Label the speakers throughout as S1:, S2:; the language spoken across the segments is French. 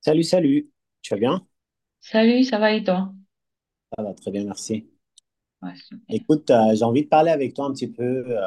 S1: Salut, salut. Tu vas bien?
S2: Salut, ça va et toi?
S1: Ça va très bien, merci.
S2: Ouais, super.
S1: Écoute, j'ai envie de parler avec toi un petit peu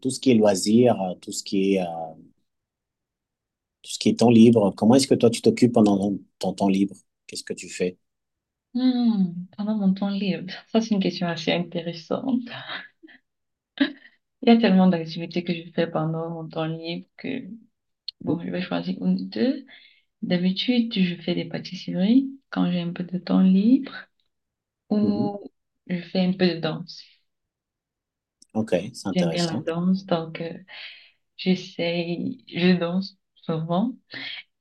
S1: tout ce qui est loisirs, tout ce qui est, tout ce qui est temps libre. Comment est-ce que toi, tu t'occupes pendant ton temps libre? Qu'est-ce que tu fais?
S2: Hmm, pendant mon temps libre, ça c'est une question assez intéressante. Il y a tellement d'activités que je fais pendant mon temps libre que, bon,
S1: Mhm,
S2: je vais choisir une ou deux. D'habitude, je fais des pâtisseries quand j'ai un peu de temps libre
S1: mhm.
S2: ou je fais un peu de danse.
S1: Ok, c'est
S2: J'aime bien la
S1: intéressant.
S2: danse, donc j'essaye, je danse souvent.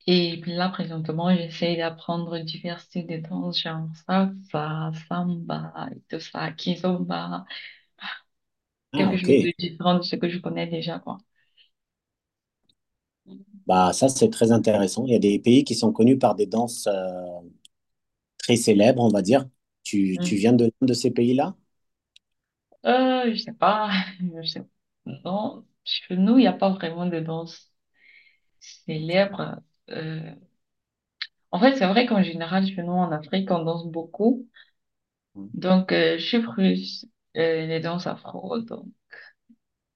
S2: Et puis là, présentement, j'essaye d'apprendre divers styles de danse, genre salsa, samba et tout ça, kizomba.
S1: Ah,
S2: Quelque
S1: ok.
S2: chose de différent de ce que je connais déjà, quoi.
S1: Bah, ça, c'est très intéressant. Il y a des pays qui sont connus par des danses très célèbres, on va dire. Tu
S2: Mm.
S1: viens de l'un de ces pays-là?
S2: Je sais pas, je sais. Non, chez nous, il n'y a pas vraiment de danse
S1: Ok.
S2: célèbre. Euh, En fait, c'est vrai qu'en général, chez nous, en Afrique, on danse beaucoup. Donc, je suis russe, les danses afro. Donc,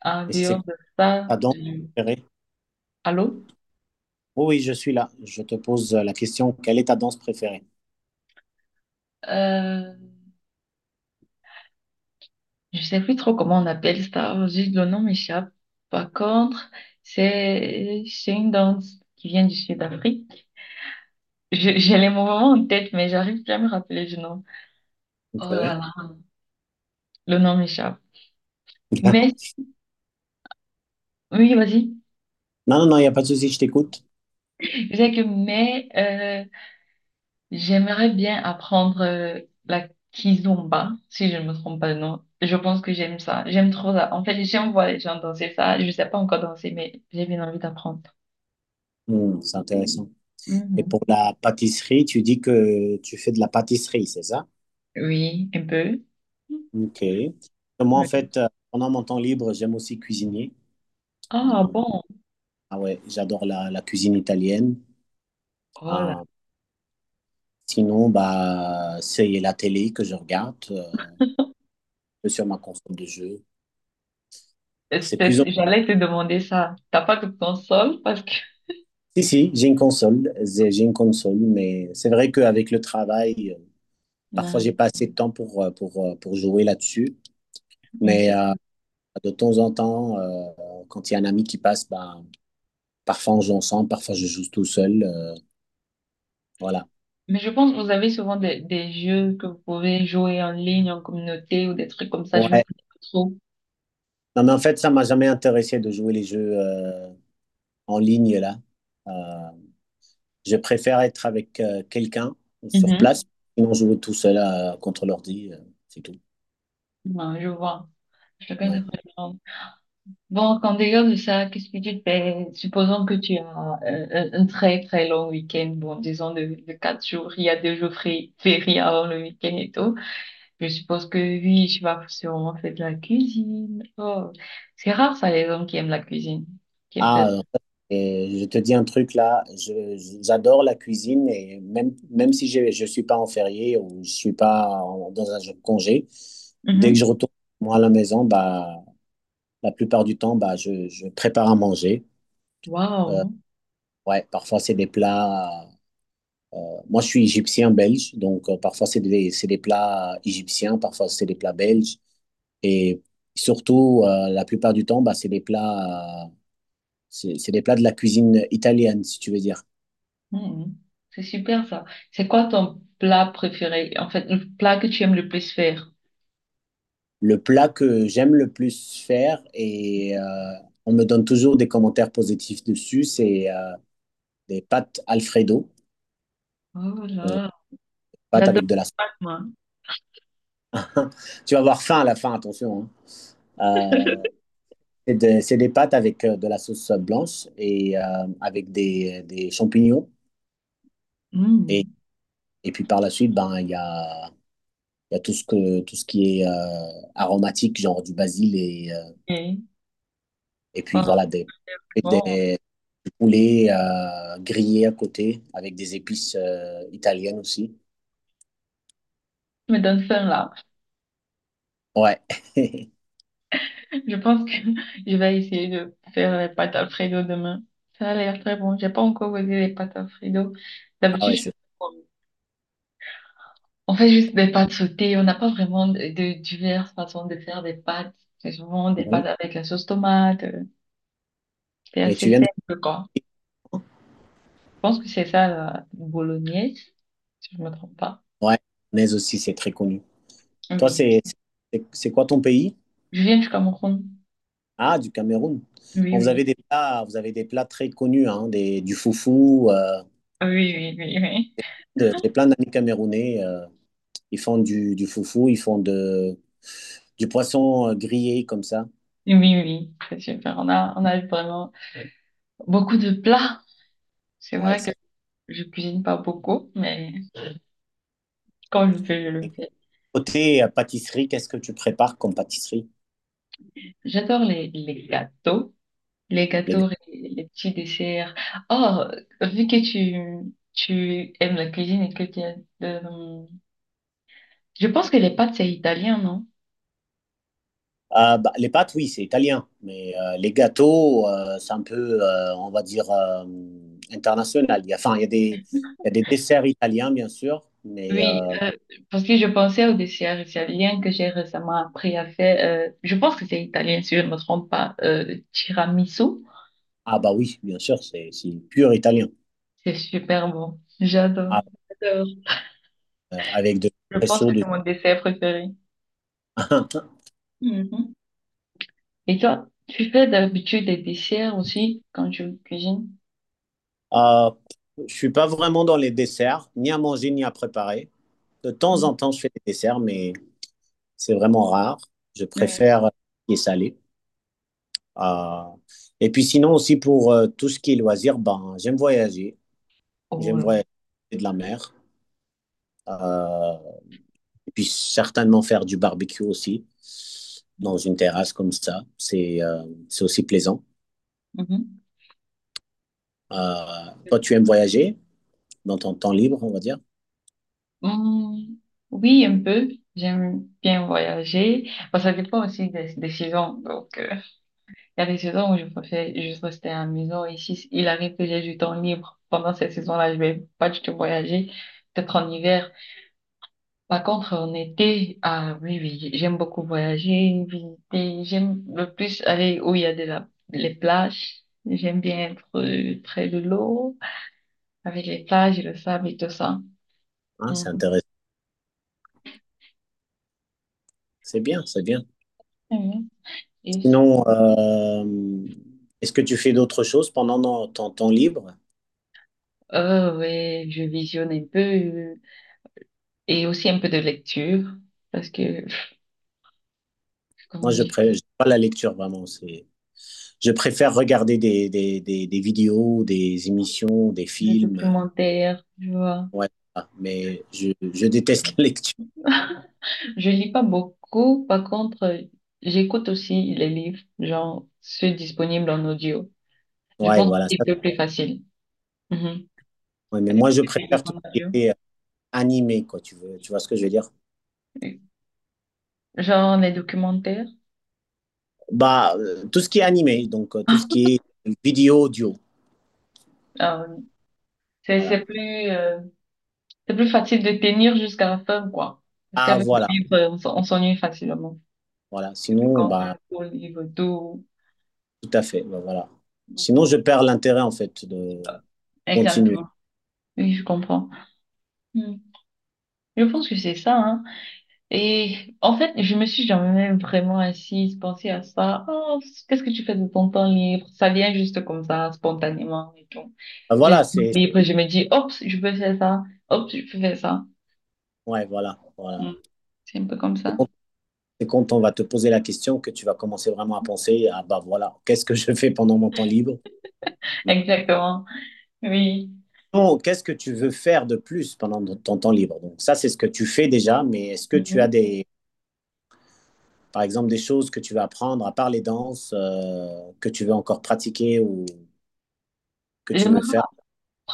S2: en
S1: Et c'est
S2: dehors
S1: quoi
S2: de ça,
S1: ta danse
S2: je-
S1: préférée?
S2: allô?
S1: Oh oui, je suis là. Je te pose la question, quelle est ta danse préférée?
S2: Euh, je sais plus trop comment on appelle ça. Juste le nom m'échappe. Par contre, c'est une danse qui vient du Sud-Afrique. Je- J'ai les moments en tête, mais j'arrive plus à me rappeler du nom.
S1: Ok.
S2: Oh là là, le nom m'échappe.
S1: Bien.
S2: Mais, oui, vas-y.
S1: Non, non, non, il n'y a pas de souci, je t'écoute.
S2: Je sais que, mais, j'aimerais bien apprendre la kizomba, si je ne me trompe pas de nom. Je pense que j'aime ça. J'aime trop ça. En fait, j'aime voir les gens danser ça. Je ne sais pas encore danser, mais j'ai bien envie d'apprendre.
S1: Hmm, c'est intéressant. Et
S2: Mhm.
S1: pour la pâtisserie, tu dis que tu fais de la pâtisserie, c'est ça?
S2: Oui, un peu.
S1: Ok. Moi, en
S2: Oui.
S1: fait, pendant mon temps libre, j'aime aussi cuisiner.
S2: Ah
S1: Hmm.
S2: bon,
S1: Ah ouais, j'adore la cuisine italienne.
S2: oh là,
S1: Ah, sinon, bah, c'est la télé que je regarde sur ma console de jeu. C'est plus
S2: C'était-
S1: en-
S2: j'allais te demander ça. T'as pas de console parce que...
S1: Si, si, j'ai une console, j'ai une console, mais c'est vrai qu'avec le travail, parfois j'ai
S2: Non.
S1: pas assez de temps pour jouer là-dessus.
S2: Oui,
S1: Mais
S2: c'est.
S1: de temps en temps, quand il y a un ami qui passe, bah, parfois on joue ensemble, parfois je joue tout seul. Voilà.
S2: Mais je pense que vous avez souvent des jeux que vous pouvez jouer en ligne, en communauté ou des trucs comme ça. Je me connais
S1: Ouais.
S2: pas trop.
S1: Non, mais en fait, ça m'a jamais intéressé de jouer les jeux en ligne là. Euh, Je préfère être avec quelqu'un sur place,
S2: Mhm.
S1: sinon jouer tout seul contre l'ordi, c'est tout.
S2: Ouais, je vois. Chacun ses
S1: Ouais.
S2: préférences. Bon, en dehors de ça, qu'est-ce que tu fais? Supposons que tu as un très très long week-end, bon, disons de quatre jours, il y a deux jours fériés avant le week-end et tout. Je suppose que oui, tu vas sûrement faire de la cuisine. Oh. C'est rare ça, les hommes qui aiment la cuisine, qui aiment
S1: Ah,
S2: faire.
S1: et je te dis un truc là, j'adore la cuisine et même, même si je ne suis pas en férié ou je suis pas en- dans un jour de congé, dès que je
S2: Mhm.
S1: retourne moi à la maison, bah, la plupart du temps, bah, je prépare à manger. Euh,
S2: Waouh.
S1: ouais, parfois c'est des plats. Moi, je suis égyptien-belge, donc parfois c'est des plats égyptiens, parfois c'est des plats belges. Et surtout, la plupart du temps, bah, c'est des plats de la cuisine italienne, si tu veux dire.
S2: Mhm. C'est super ça. C'est quoi ton plat préféré? En fait, le plat que tu aimes le plus faire?
S1: Le plat que j'aime le plus faire, et on me donne toujours des commentaires positifs dessus, c'est des pâtes Alfredo,
S2: Oh
S1: donc
S2: là,
S1: pâtes
S2: j'adore
S1: avec de la...
S2: les pâtes, moi.
S1: Tu vas avoir faim à la fin, attention, hein. Euh, C'est des pâtes avec de la sauce blanche et avec des champignons. Et,
S2: Mhm.
S1: et puis par la suite, ben, il y a tout ce qui est aromatique, genre du basil et
S2: Ok.
S1: et puis
S2: Oh,
S1: voilà,
S2: bon,
S1: des poulets grillés à côté avec des épices italiennes aussi.
S2: tu me donnes faim là.
S1: Ouais.
S2: Je pense que je vais essayer de faire les pâtes Alfredo demain. Ça a l'air très bon. J'ai pas encore goûté les pâtes Alfredo.
S1: Ah ouais,
S2: D'habitude, je...
S1: c'est
S2: on fait juste des pâtes sautées. On n'a pas vraiment de diverses façons de faire des pâtes. C'est souvent
S1: très
S2: des
S1: bon.
S2: pâtes avec la sauce tomate. C'est
S1: Et
S2: assez
S1: tu viens de...
S2: simple, quoi. Pense que c'est ça, la bolognaise, si je me trompe pas.
S1: Ouais, mais aussi, c'est très connu. Toi,
S2: Oui,
S1: c'est quoi ton pays?
S2: je viens du Cameroun.
S1: Ah, du Cameroun.
S2: Oui,
S1: Bon, vous
S2: oui,
S1: avez des plats, vous avez des plats très connus, hein, du foufou.
S2: oui, oui, oui,
S1: J'ai plein d'amis camerounais. Ils font du foufou, du poisson grillé comme ça.
S2: oui, oui, oui, c'est super. On a vraiment beaucoup de plats. C'est
S1: Ouais,
S2: vrai que
S1: ça.
S2: je cuisine pas beaucoup, mais quand je fais, je le fais.
S1: Côté pâtisserie, qu'est-ce que tu prépares comme pâtisserie,
S2: J'adore les gâteaux. Les
S1: les gars?
S2: gâteaux, les petits desserts. Oh, vu que tu aimes la cuisine et que tu as, euh, je pense que les pâtes, c'est italien, non?
S1: Ah, bah, les pâtes, oui, c'est italien. Mais les gâteaux, c'est un peu, on va dire, international. Il y a, enfin, il y a des desserts italiens, bien sûr. Mais,
S2: Oui, parce que je pensais au dessert italien que j'ai récemment appris à faire. Je pense que c'est italien, si je ne me trompe pas. Le tiramisu,
S1: ah bah oui, bien sûr, c'est pur italien.
S2: c'est super bon. J'adore, j'adore.
S1: Avec de
S2: Je pense que
S1: presso
S2: c'est
S1: dessus.
S2: mon dessert préféré. Mhm. Et toi, tu fais d'habitude des desserts aussi quand tu cuisines?
S1: Euh, je suis pas vraiment dans les desserts, ni à manger ni à préparer. De temps
S2: Mhm.
S1: en temps, je fais des desserts, mais c'est vraiment rare. Je
S2: Oui.
S1: préfère les salés. Euh, et puis sinon aussi pour tout ce qui est loisirs, ben, j'aime voyager.
S2: Oh
S1: J'aime
S2: là.
S1: voyager de la mer. Euh, et puis certainement faire du barbecue aussi dans une terrasse comme ça. C'est aussi plaisant.
S2: Mhm.
S1: Toi, tu aimes voyager dans ton temps libre, on va dire?
S2: Hmm, oui, un peu. J'aime bien voyager. Bon, ça dépend aussi des saisons. Donc, il y a des saisons où je préfère juste rester à la maison. Et si il arrive que j'ai du temps libre pendant cette saison là je vais pas du tout voyager, peut-être en hiver. Par contre, en été, ah oui, oui, j'aime beaucoup voyager, visiter. J'aime le plus aller où il y a de la, les plages. J'aime bien être près de l'eau, avec les plages et le sable et tout ça.
S1: Ah,
S2: Mhm.
S1: c'est intéressant. C'est bien, c'est bien.
S2: Mhm. Et aussi,
S1: Sinon, est-ce que tu fais d'autres choses pendant ton temps libre?
S2: Ouais, je visionne un peu et aussi un peu de lecture parce que comment
S1: Moi,
S2: dire,
S1: pas la lecture vraiment. C'est, je préfère regarder des vidéos, des émissions, des
S2: des
S1: films.
S2: documentaires, tu vois.
S1: Ouais, voilà. Mais je déteste la lecture.
S2: Je lis pas beaucoup, par contre, j'écoute aussi les livres, genre ceux disponibles en audio. Je
S1: Ouais,
S2: pense que
S1: voilà. Ça,
S2: c'est un peu plus facile. Mhm.
S1: ouais, mais moi, je
S2: Écouter des livres
S1: préfère tout
S2: en
S1: ce qui
S2: audio.
S1: est animé, quoi. Tu vois ce que je veux dire?
S2: Oui. Genre les documentaires.
S1: Bah, tout ce qui est animé, donc tout ce qui est vidéo, audio.
S2: euh, c'est
S1: Voilà.
S2: c'est plus, c'est plus facile de tenir jusqu'à la fin, quoi. Parce
S1: Ah,
S2: qu'avec le
S1: voilà.
S2: livre, on on s'ennuie facilement.
S1: Voilà.
S2: Surtout
S1: Sinon,
S2: quand c'est un
S1: bah.
S2: gros livre doux.
S1: Tout à fait, ben voilà. Sinon,
S2: Mhm.
S1: je perds l'intérêt, en fait, de continuer.
S2: Exactement. Oui, je comprends. Mhm. Je pense que c'est ça, hein. Et en fait, je me suis jamais vraiment assise, pensée à ça. Oh, qu'est-ce que tu fais de ton temps libre? Ça vient juste comme ça, spontanément et tout.
S1: Ben
S2: J'ai le
S1: voilà,
S2: temps
S1: c'est...
S2: libre, je me dis, hop, je peux faire ça. Hop, je peux faire ça.
S1: Ouais, voilà, voilà.
S2: Mm. C'est un peu comme
S1: C'est
S2: ça.
S1: quand, c'est quand on va te poser la question que tu vas commencer vraiment à penser, à. Bah voilà, qu'est-ce que je fais pendant mon temps libre? Mais
S2: Exactement. Oui.
S1: non, qu'est-ce que tu veux faire de plus pendant ton temps libre? Donc ça, c'est ce que tu fais déjà, mais est-ce que tu as
S2: Mhm.
S1: par exemple, des choses que tu veux apprendre à part les danses, que tu veux encore pratiquer ou que tu veux
S2: J'aimerais
S1: faire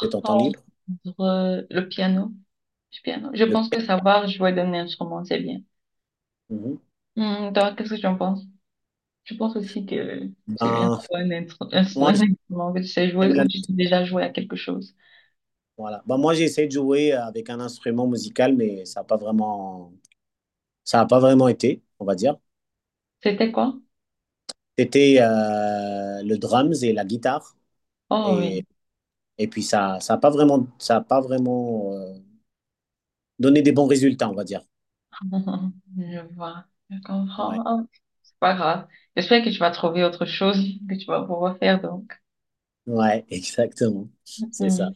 S1: de ton temps libre?
S2: entendre le piano. Du piano. Je
S1: Le
S2: pense que
S1: piano,
S2: savoir jouer d'un instrument, c'est bien.
S1: mhm.
S2: Mm, toi, qu'est-ce que tu en penses? Je pense aussi que c'est
S1: Ben,
S2: bien d'avoir un un
S1: moi,
S2: un instrument que tu sais
S1: j'aime
S2: jouer
S1: la
S2: ou tu sais déjà jouer à quelque chose.
S1: Voilà. Bah, moi, j'ai essayé de jouer avec un instrument musical, mais ça a pas vraiment été, on va dire.
S2: C'était quoi?
S1: C'était le drums et la guitare.
S2: Oh
S1: Et,
S2: oui,
S1: et puis, ça n'a pas vraiment, ça a pas vraiment donné des bons résultats, on va dire.
S2: je vois, je
S1: Ouais,
S2: comprends. Oh, c'est pas grave. J'espère que tu vas trouver autre chose que tu vas pouvoir faire donc.
S1: ouais, exactement. C'est ça.
S2: Hmm.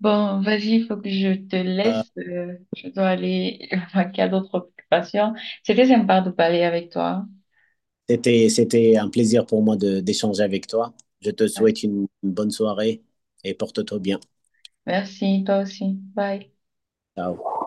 S2: Bon, vas-y, il faut que je te laisse. Je dois aller vaquer à d'autres occupations. C'était sympa de parler avec toi.
S1: C'était un plaisir pour moi d'échanger avec toi. Je te
S2: Ouais.
S1: souhaite une bonne soirée et porte-toi bien.
S2: Merci, toi aussi. Bye.
S1: Ciao.